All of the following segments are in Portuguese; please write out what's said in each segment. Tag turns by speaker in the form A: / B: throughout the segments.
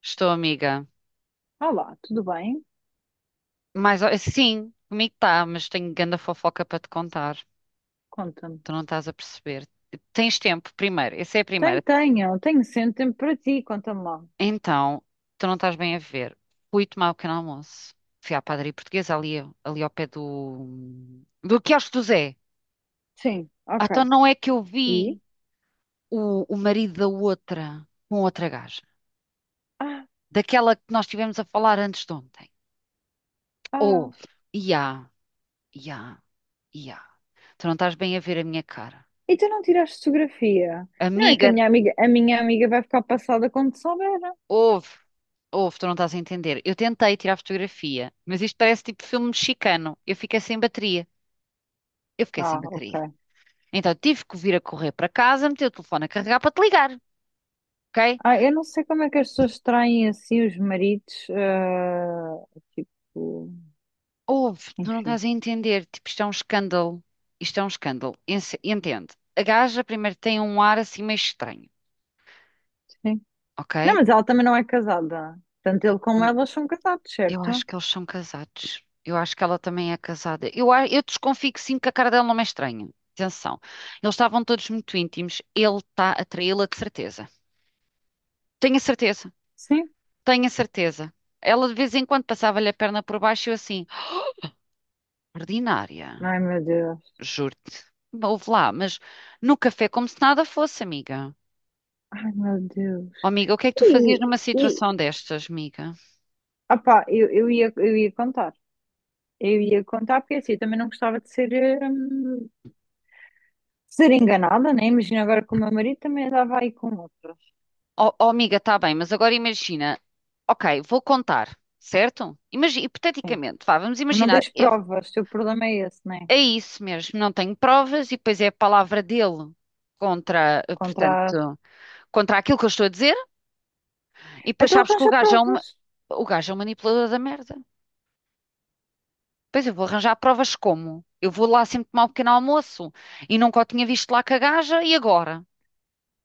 A: Estou, amiga.
B: Olá, tudo bem?
A: Mas ó, sim, comigo está, mas tenho ganda fofoca para te contar.
B: Conta-me.
A: Tu não estás a perceber. Tens tempo, primeiro. Essa é a
B: Tenho,
A: primeira.
B: tenho, tenho sempre tempo para ti, conta-me lá.
A: Então, tu não estás bem a ver. Fui tomar o pequeno almoço. Fui à padaria portuguesa ali, ali ao pé do... Do quiosque do Zé.
B: Sim,
A: Ah,
B: ok.
A: então não é que eu
B: E?
A: vi o marido da outra com outra gaja.
B: Ah,
A: Daquela que nós estivemos a falar antes de ontem. Ou,
B: ah,
A: ia, ia, ia. Tu não estás bem a ver a minha cara.
B: e tu não tiraste fotografia? Não é que a
A: Amiga,
B: minha amiga vai ficar passada quando souber.
A: Houve, houve, tu não estás a entender. Eu tentei tirar fotografia, mas isto parece tipo filme mexicano. Eu fiquei sem bateria. Eu fiquei sem
B: Ah,
A: bateria.
B: ok.
A: Então tive que vir a correr para casa, meter o telefone a carregar para te ligar, ok?
B: Eu não sei como é que as pessoas traem assim os maridos, tipo,
A: Houve, tu não
B: enfim,
A: estás a entender. Tipo, isto é um escândalo. Isto é um escândalo. Entende? A gaja primeiro tem um ar assim meio estranho,
B: sim.
A: ok?
B: Não, mas ela também não é casada. Tanto ele como ela são casados,
A: Eu acho
B: certo?
A: que eles são casados. Eu acho que ela também é casada. Eu desconfio que sim, que a cara dela não é estranha. Atenção. Eles estavam todos muito íntimos. Ele está a traí-la de certeza. Tenho a certeza.
B: Sim.
A: Tenho a certeza. Ela de vez em quando passava-lhe a perna por baixo e eu assim, ordinária,
B: Ai, meu Deus.
A: juro-te. Houve lá, mas no café como se nada fosse, amiga.
B: Ai, meu Deus.
A: Oh, amiga, o que é que tu fazias
B: E,
A: numa
B: e,
A: situação destas, amiga?
B: Eu ia contar. Eu ia contar porque assim, eu também não gostava de ser, hum, ser enganada, né? Imagina agora que o meu marido também andava aí com outras.
A: Oh, oh, amiga, está bem, mas agora imagina. Ok, vou contar, certo? Imagina,
B: Sim.
A: hipoteticamente, vá, vamos
B: Mas não
A: imaginar.
B: tens provas, o teu problema é esse, né?
A: É isso mesmo, não tenho provas e depois é a palavra dele contra,
B: Contra...
A: portanto, contra aquilo que eu estou a dizer. E depois
B: Então
A: sabes que o
B: arranja
A: gajo é um,
B: provas.
A: o gajo é um manipulador da merda. Pois eu vou arranjar provas como? Eu vou lá sempre tomar um pequeno almoço e nunca o tinha visto lá com a gaja e agora?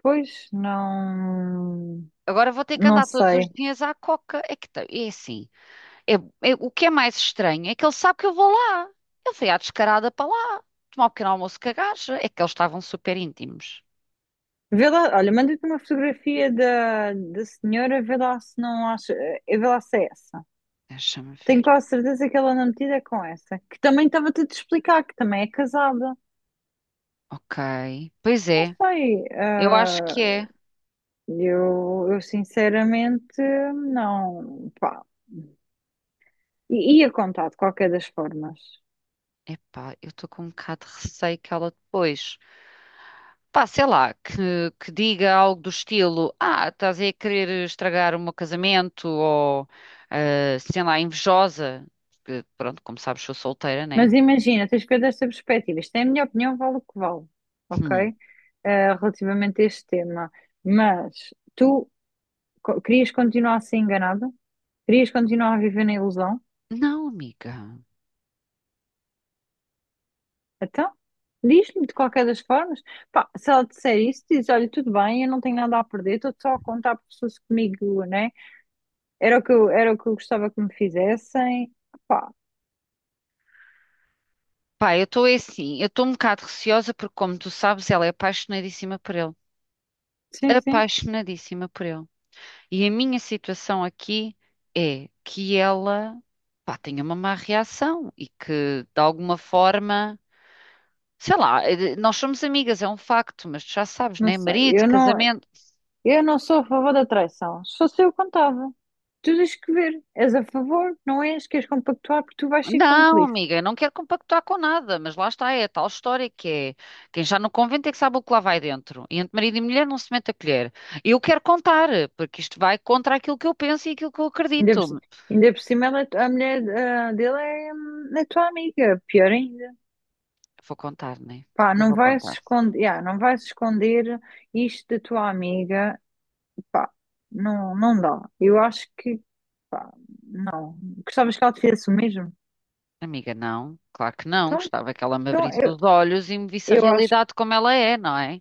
B: Pois, não...
A: Agora vou ter que
B: Não
A: andar todos os
B: sei.
A: dias à coca. É que é assim. O que é mais estranho é que ele sabe que eu vou lá. Ele foi à descarada para lá, tomar um pequeno almoço com a gaja. É que eles estavam super íntimos.
B: Vê lá, olha, manda-te uma fotografia da senhora, vê lá se não acha... Vê lá se é essa.
A: Deixa-me
B: Tenho
A: ver.
B: quase certeza que ela anda metida é com essa. Que também estava-te a te explicar, que também é casada.
A: Ok. Pois
B: Não
A: é,
B: sei,
A: eu acho
B: ah,
A: que é.
B: Eu sinceramente não, pá, ia contar de qualquer das formas.
A: Epá, eu estou com um bocado de receio que ela depois. Pá, sei lá, que diga algo do estilo: ah, estás aí a querer estragar o meu casamento, ou ah, sei lá, invejosa. Porque, pronto, como sabes, sou solteira, né?
B: Mas imagina, tens que ver desta perspectiva. Isto é a minha opinião, vale o que vale,
A: Hum.
B: ok? Relativamente a este tema. Mas tu querias continuar a ser enganada? Querias continuar a viver na ilusão?
A: Não, amiga.
B: Então, diz-me de qualquer das formas. Pá, se ela disser isso, diz, olha, tudo bem, eu não tenho nada a perder, estou só a contar pessoas comigo, né? Era o que eu gostava que me fizessem. Pá,
A: Pá, eu estou assim, eu estou um bocado receosa porque, como tu sabes, ela é apaixonadíssima por ele.
B: sim, sim,
A: Apaixonadíssima por ele. E a minha situação aqui é que ela, pá, tenha uma má reação e que, de alguma forma, sei lá, nós somos amigas, é um facto, mas tu já sabes,
B: não
A: né?
B: sei.
A: Marido, casamento.
B: Eu não sou a favor da traição. Só se fosse eu, contava. Tu tens que ver. És a favor, não és? Queres compactuar porque tu vais ser
A: Não,
B: cúmplice.
A: amiga, eu não quero compactuar com nada, mas lá está, é a tal história que é quem já no convento é que sabe o que lá vai dentro. E entre marido e mulher não se mete a colher. Eu quero contar, porque isto vai contra aquilo que eu penso e aquilo que eu
B: Ainda por,
A: acredito.
B: ci- ainda por cima, ela é a mulher dele é, é tua amiga. Pior ainda.
A: Vou contar, né?
B: Pá,
A: Eu
B: não
A: vou
B: vai se
A: contar.
B: esconder, yeah, não vai se esconder isto da tua amiga. Pá, não, não dá. Eu acho que, pá, não. Gostavas que ela te fizesse o mesmo?
A: Amiga, não, claro que não.
B: Então,
A: Gostava que ela me
B: então,
A: abrisse os olhos e me visse a
B: Eu acho,
A: realidade como ela é, não é?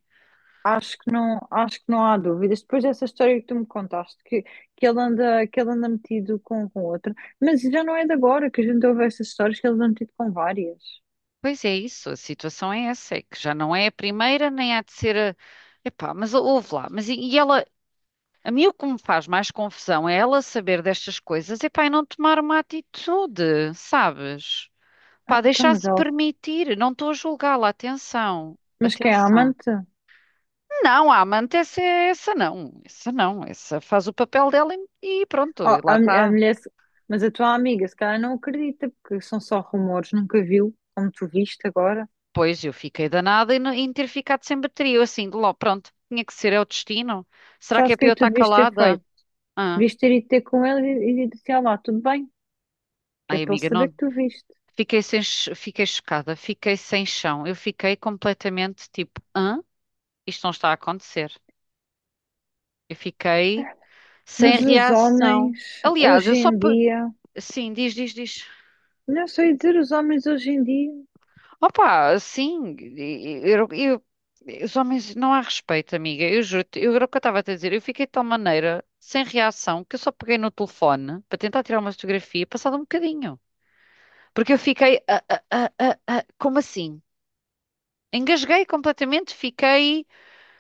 B: acho que não há dúvidas. Depois dessa história que tu me contaste, que ele anda metido com outra, mas já não é de agora que a gente ouve essas histórias que ele anda metido com várias.
A: Pois é isso, a situação é essa, é que já não é a primeira, nem há de ser a... Epá, mas ouve lá, mas e ela, a mim o que me faz mais confusão é ela saber destas coisas e pá, e não tomar uma atitude, sabes?
B: Ah,
A: Pá,
B: então, mas
A: deixar-se
B: ela,
A: permitir. Não estou a julgá-la, atenção,
B: mas quem é a
A: atenção.
B: amante?
A: Não, a amante, essa, essa não, essa não, essa faz o papel dela e pronto, e
B: Ah,
A: lá
B: a
A: está.
B: mulher, mas a tua amiga, se calhar não acredita, porque são só rumores, nunca viu, como tu viste agora.
A: Pois eu fiquei danada em ter ficado sem bateria, eu assim, de logo, pronto, tinha que ser, é o destino. Será que
B: Sabes
A: é
B: o que
A: para
B: é
A: eu
B: que tu
A: estar
B: devias ter
A: calada?
B: feito?
A: Ah,
B: Devias ter ido ter com ele e disse, ah lá, tudo bem, que é
A: ai
B: para ele
A: amiga,
B: saber
A: não,
B: que tu viste.
A: fiquei sem, fiquei chocada, fiquei sem chão. Eu fiquei completamente tipo, hã? Isto não está a acontecer. Eu fiquei
B: Mas
A: sem
B: os
A: reação.
B: homens,
A: Aliás,
B: hoje em dia.
A: Sim, diz, diz, diz.
B: Não sei dizer os homens hoje em dia.
A: Opa, sim, eu, eu- os homens não há respeito, amiga. Eu juro, eu era o que eu estava a te dizer. Eu fiquei de tal maneira sem reação que eu só peguei no telefone para tentar tirar uma fotografia, passado um bocadinho. Porque eu fiquei, como assim? Engasguei completamente, fiquei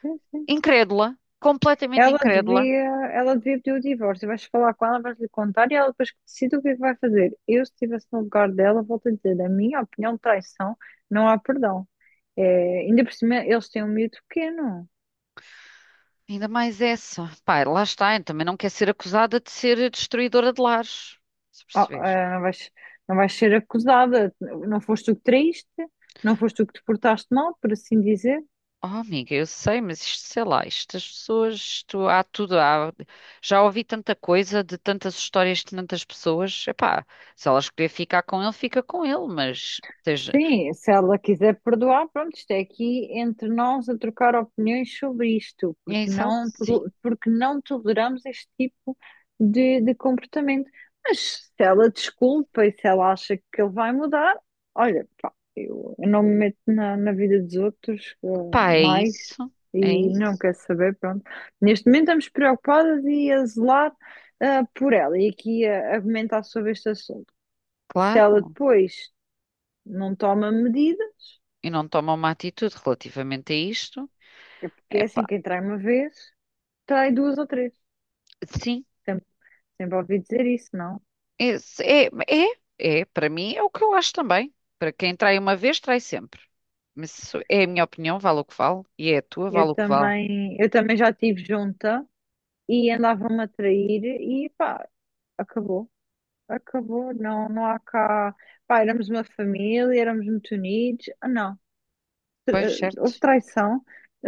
B: Sim, sim.
A: incrédula, completamente
B: Ela
A: incrédula.
B: devia, ela devia pedir o divórcio. Vais falar com ela, vais-lhe contar e ela depois que decide o que é que vai fazer. Eu, se estivesse no lugar dela, volto a dizer, na minha opinião, traição, não há perdão. É, ainda por cima, eles têm um miúdo pequeno.
A: Ainda mais essa. Pá, lá está, eu também não quer ser acusada de ser destruidora de lares. Se
B: Ah,
A: perceber.
B: ah, não vais, não vais ser acusada. Não foste tu que traíste, não foste tu que te portaste mal, por assim dizer.
A: Oh, amiga, eu sei, mas isto, sei lá, estas pessoas, isto há tudo, há- já ouvi tanta coisa de tantas histórias de tantas pessoas. Epá, se ela escolher ficar com ele, fica com ele, mas esteja.
B: Sim, se ela quiser perdoar, pronto, isto é aqui entre nós a trocar opiniões sobre isto,
A: É
B: porque
A: exato, sim.
B: porque não toleramos este tipo de comportamento. Mas se ela desculpa e se ela acha que ele vai mudar, olha, pá, eu não me meto na vida dos outros,
A: Pá,
B: mais
A: é
B: e não
A: isso,
B: quero saber, pronto. Neste momento estamos preocupadas e a zelar, por ela e aqui a comentar sobre este assunto. Se ela
A: claro.
B: depois não toma medida,
A: E não toma uma atitude relativamente a isto.
B: porque é assim,
A: Epá,
B: quem trai uma vez, trai duas ou três.
A: sim.
B: Sempre, sempre ouvi dizer isso, não?
A: É, é, é, para mim é o que eu acho também. Para quem trai uma vez, trai sempre. Mas isso é a minha opinião, vale o que vale, e é a tua, vale o que vale.
B: Eu também já estive junta e andava-me a trair e pá, acabou. Acabou, não, não há cá. Pá, éramos uma família, éramos muito unidos. Ah, não,
A: Pois, certo.
B: houve traição,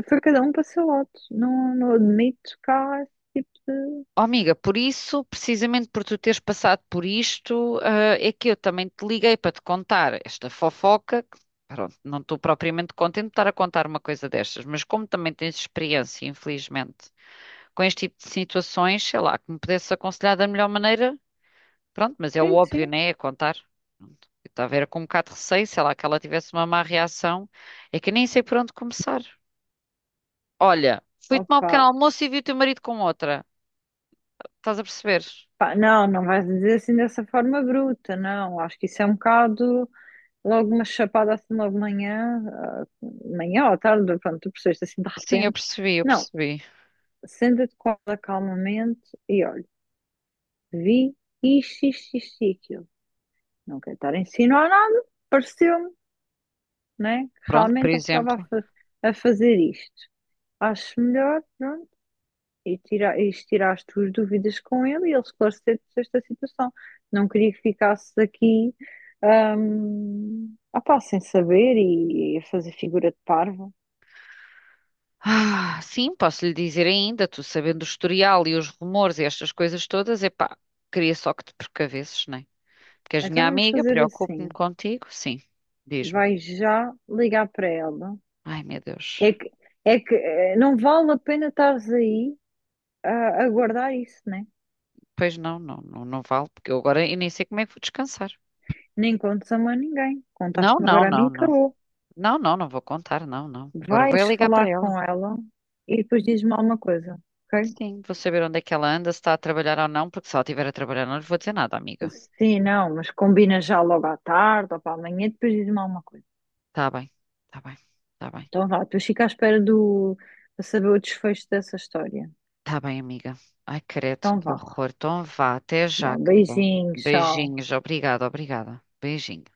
B: foi cada um para o seu lado. Não, não admito cá esse tipo de.
A: Oh, amiga, por isso, precisamente por tu teres passado por isto, ah, é que eu também te liguei para te contar esta fofoca. Que, pronto, não estou propriamente contente de estar a contar uma coisa destas, mas como também tens experiência, infelizmente, com este tipo de situações, sei lá, que me pudesse aconselhar da melhor maneira. Pronto, mas é o
B: Sim,
A: óbvio,
B: sim.
A: né? É contar. Pronto. Eu estava era com um bocado de receio, sei lá, que ela tivesse uma má reação. É que nem sei por onde começar. Olha, fui tomar um
B: Opa,
A: pequeno almoço e vi o teu marido com outra. Estás a perceber?
B: pá, não, não vais dizer assim dessa forma bruta, não. Acho que isso é um bocado. Logo uma chapada assim logo de manhã, manhã ou à tarde, pronto, tu percebeste assim de
A: Sim, eu
B: repente.
A: percebi, eu
B: Não,
A: percebi.
B: senta-te com ela calmamente e olha, vi isto, isto, isto e aquilo. Não quero estar a insinuar nada, pareceu-me, né? Que
A: Pronto, por
B: realmente ele estava
A: exemplo.
B: a fazer isto. Acho melhor, pronto, e tirar as tuas dúvidas com ele e ele esclarecer-te esta situação. Não queria que ficasses aqui. Sem saber e a fazer figura de parvo.
A: Ah, sim, posso lhe dizer ainda, tu sabendo o historial e os rumores e estas coisas todas, epá, queria só que te precavesses, né? Porque és
B: Então
A: minha
B: vamos
A: amiga,
B: fazer
A: preocupo-me
B: assim.
A: contigo. Sim, diz-me.
B: Vai já ligar para ela.
A: Ai, meu Deus.
B: É que, é que não vale a pena estares aí a guardar isso, né?
A: Pois não, não, não, não vale, porque eu agora eu nem sei como é que vou descansar.
B: Nem contes a mais ninguém.
A: Não,
B: Contaste-me
A: não,
B: agora a mim
A: não,
B: e
A: não.
B: acabou.
A: Não, não, não vou contar, não, não. Agora vou é
B: Vais
A: ligar para
B: falar
A: ela.
B: com ela e depois dizes-me alguma coisa, ok?
A: Sim, vou saber onde é que ela anda, se está a trabalhar ou não, porque se ela estiver a trabalhar, não lhe vou dizer nada, amiga.
B: Sim, não, mas combina já logo à tarde ou para amanhã e depois diz-me alguma coisa.
A: Tá bem, tá bem, tá bem.
B: Então vá, depois fica à espera do, para saber o desfecho dessa história.
A: Tá bem, amiga. Ai, credo,
B: Então
A: que
B: vá.
A: horror. Então vá, até
B: Vá,
A: já, querida.
B: beijinho, tchau.
A: Beijinhos, obrigada, obrigada. Beijinhos.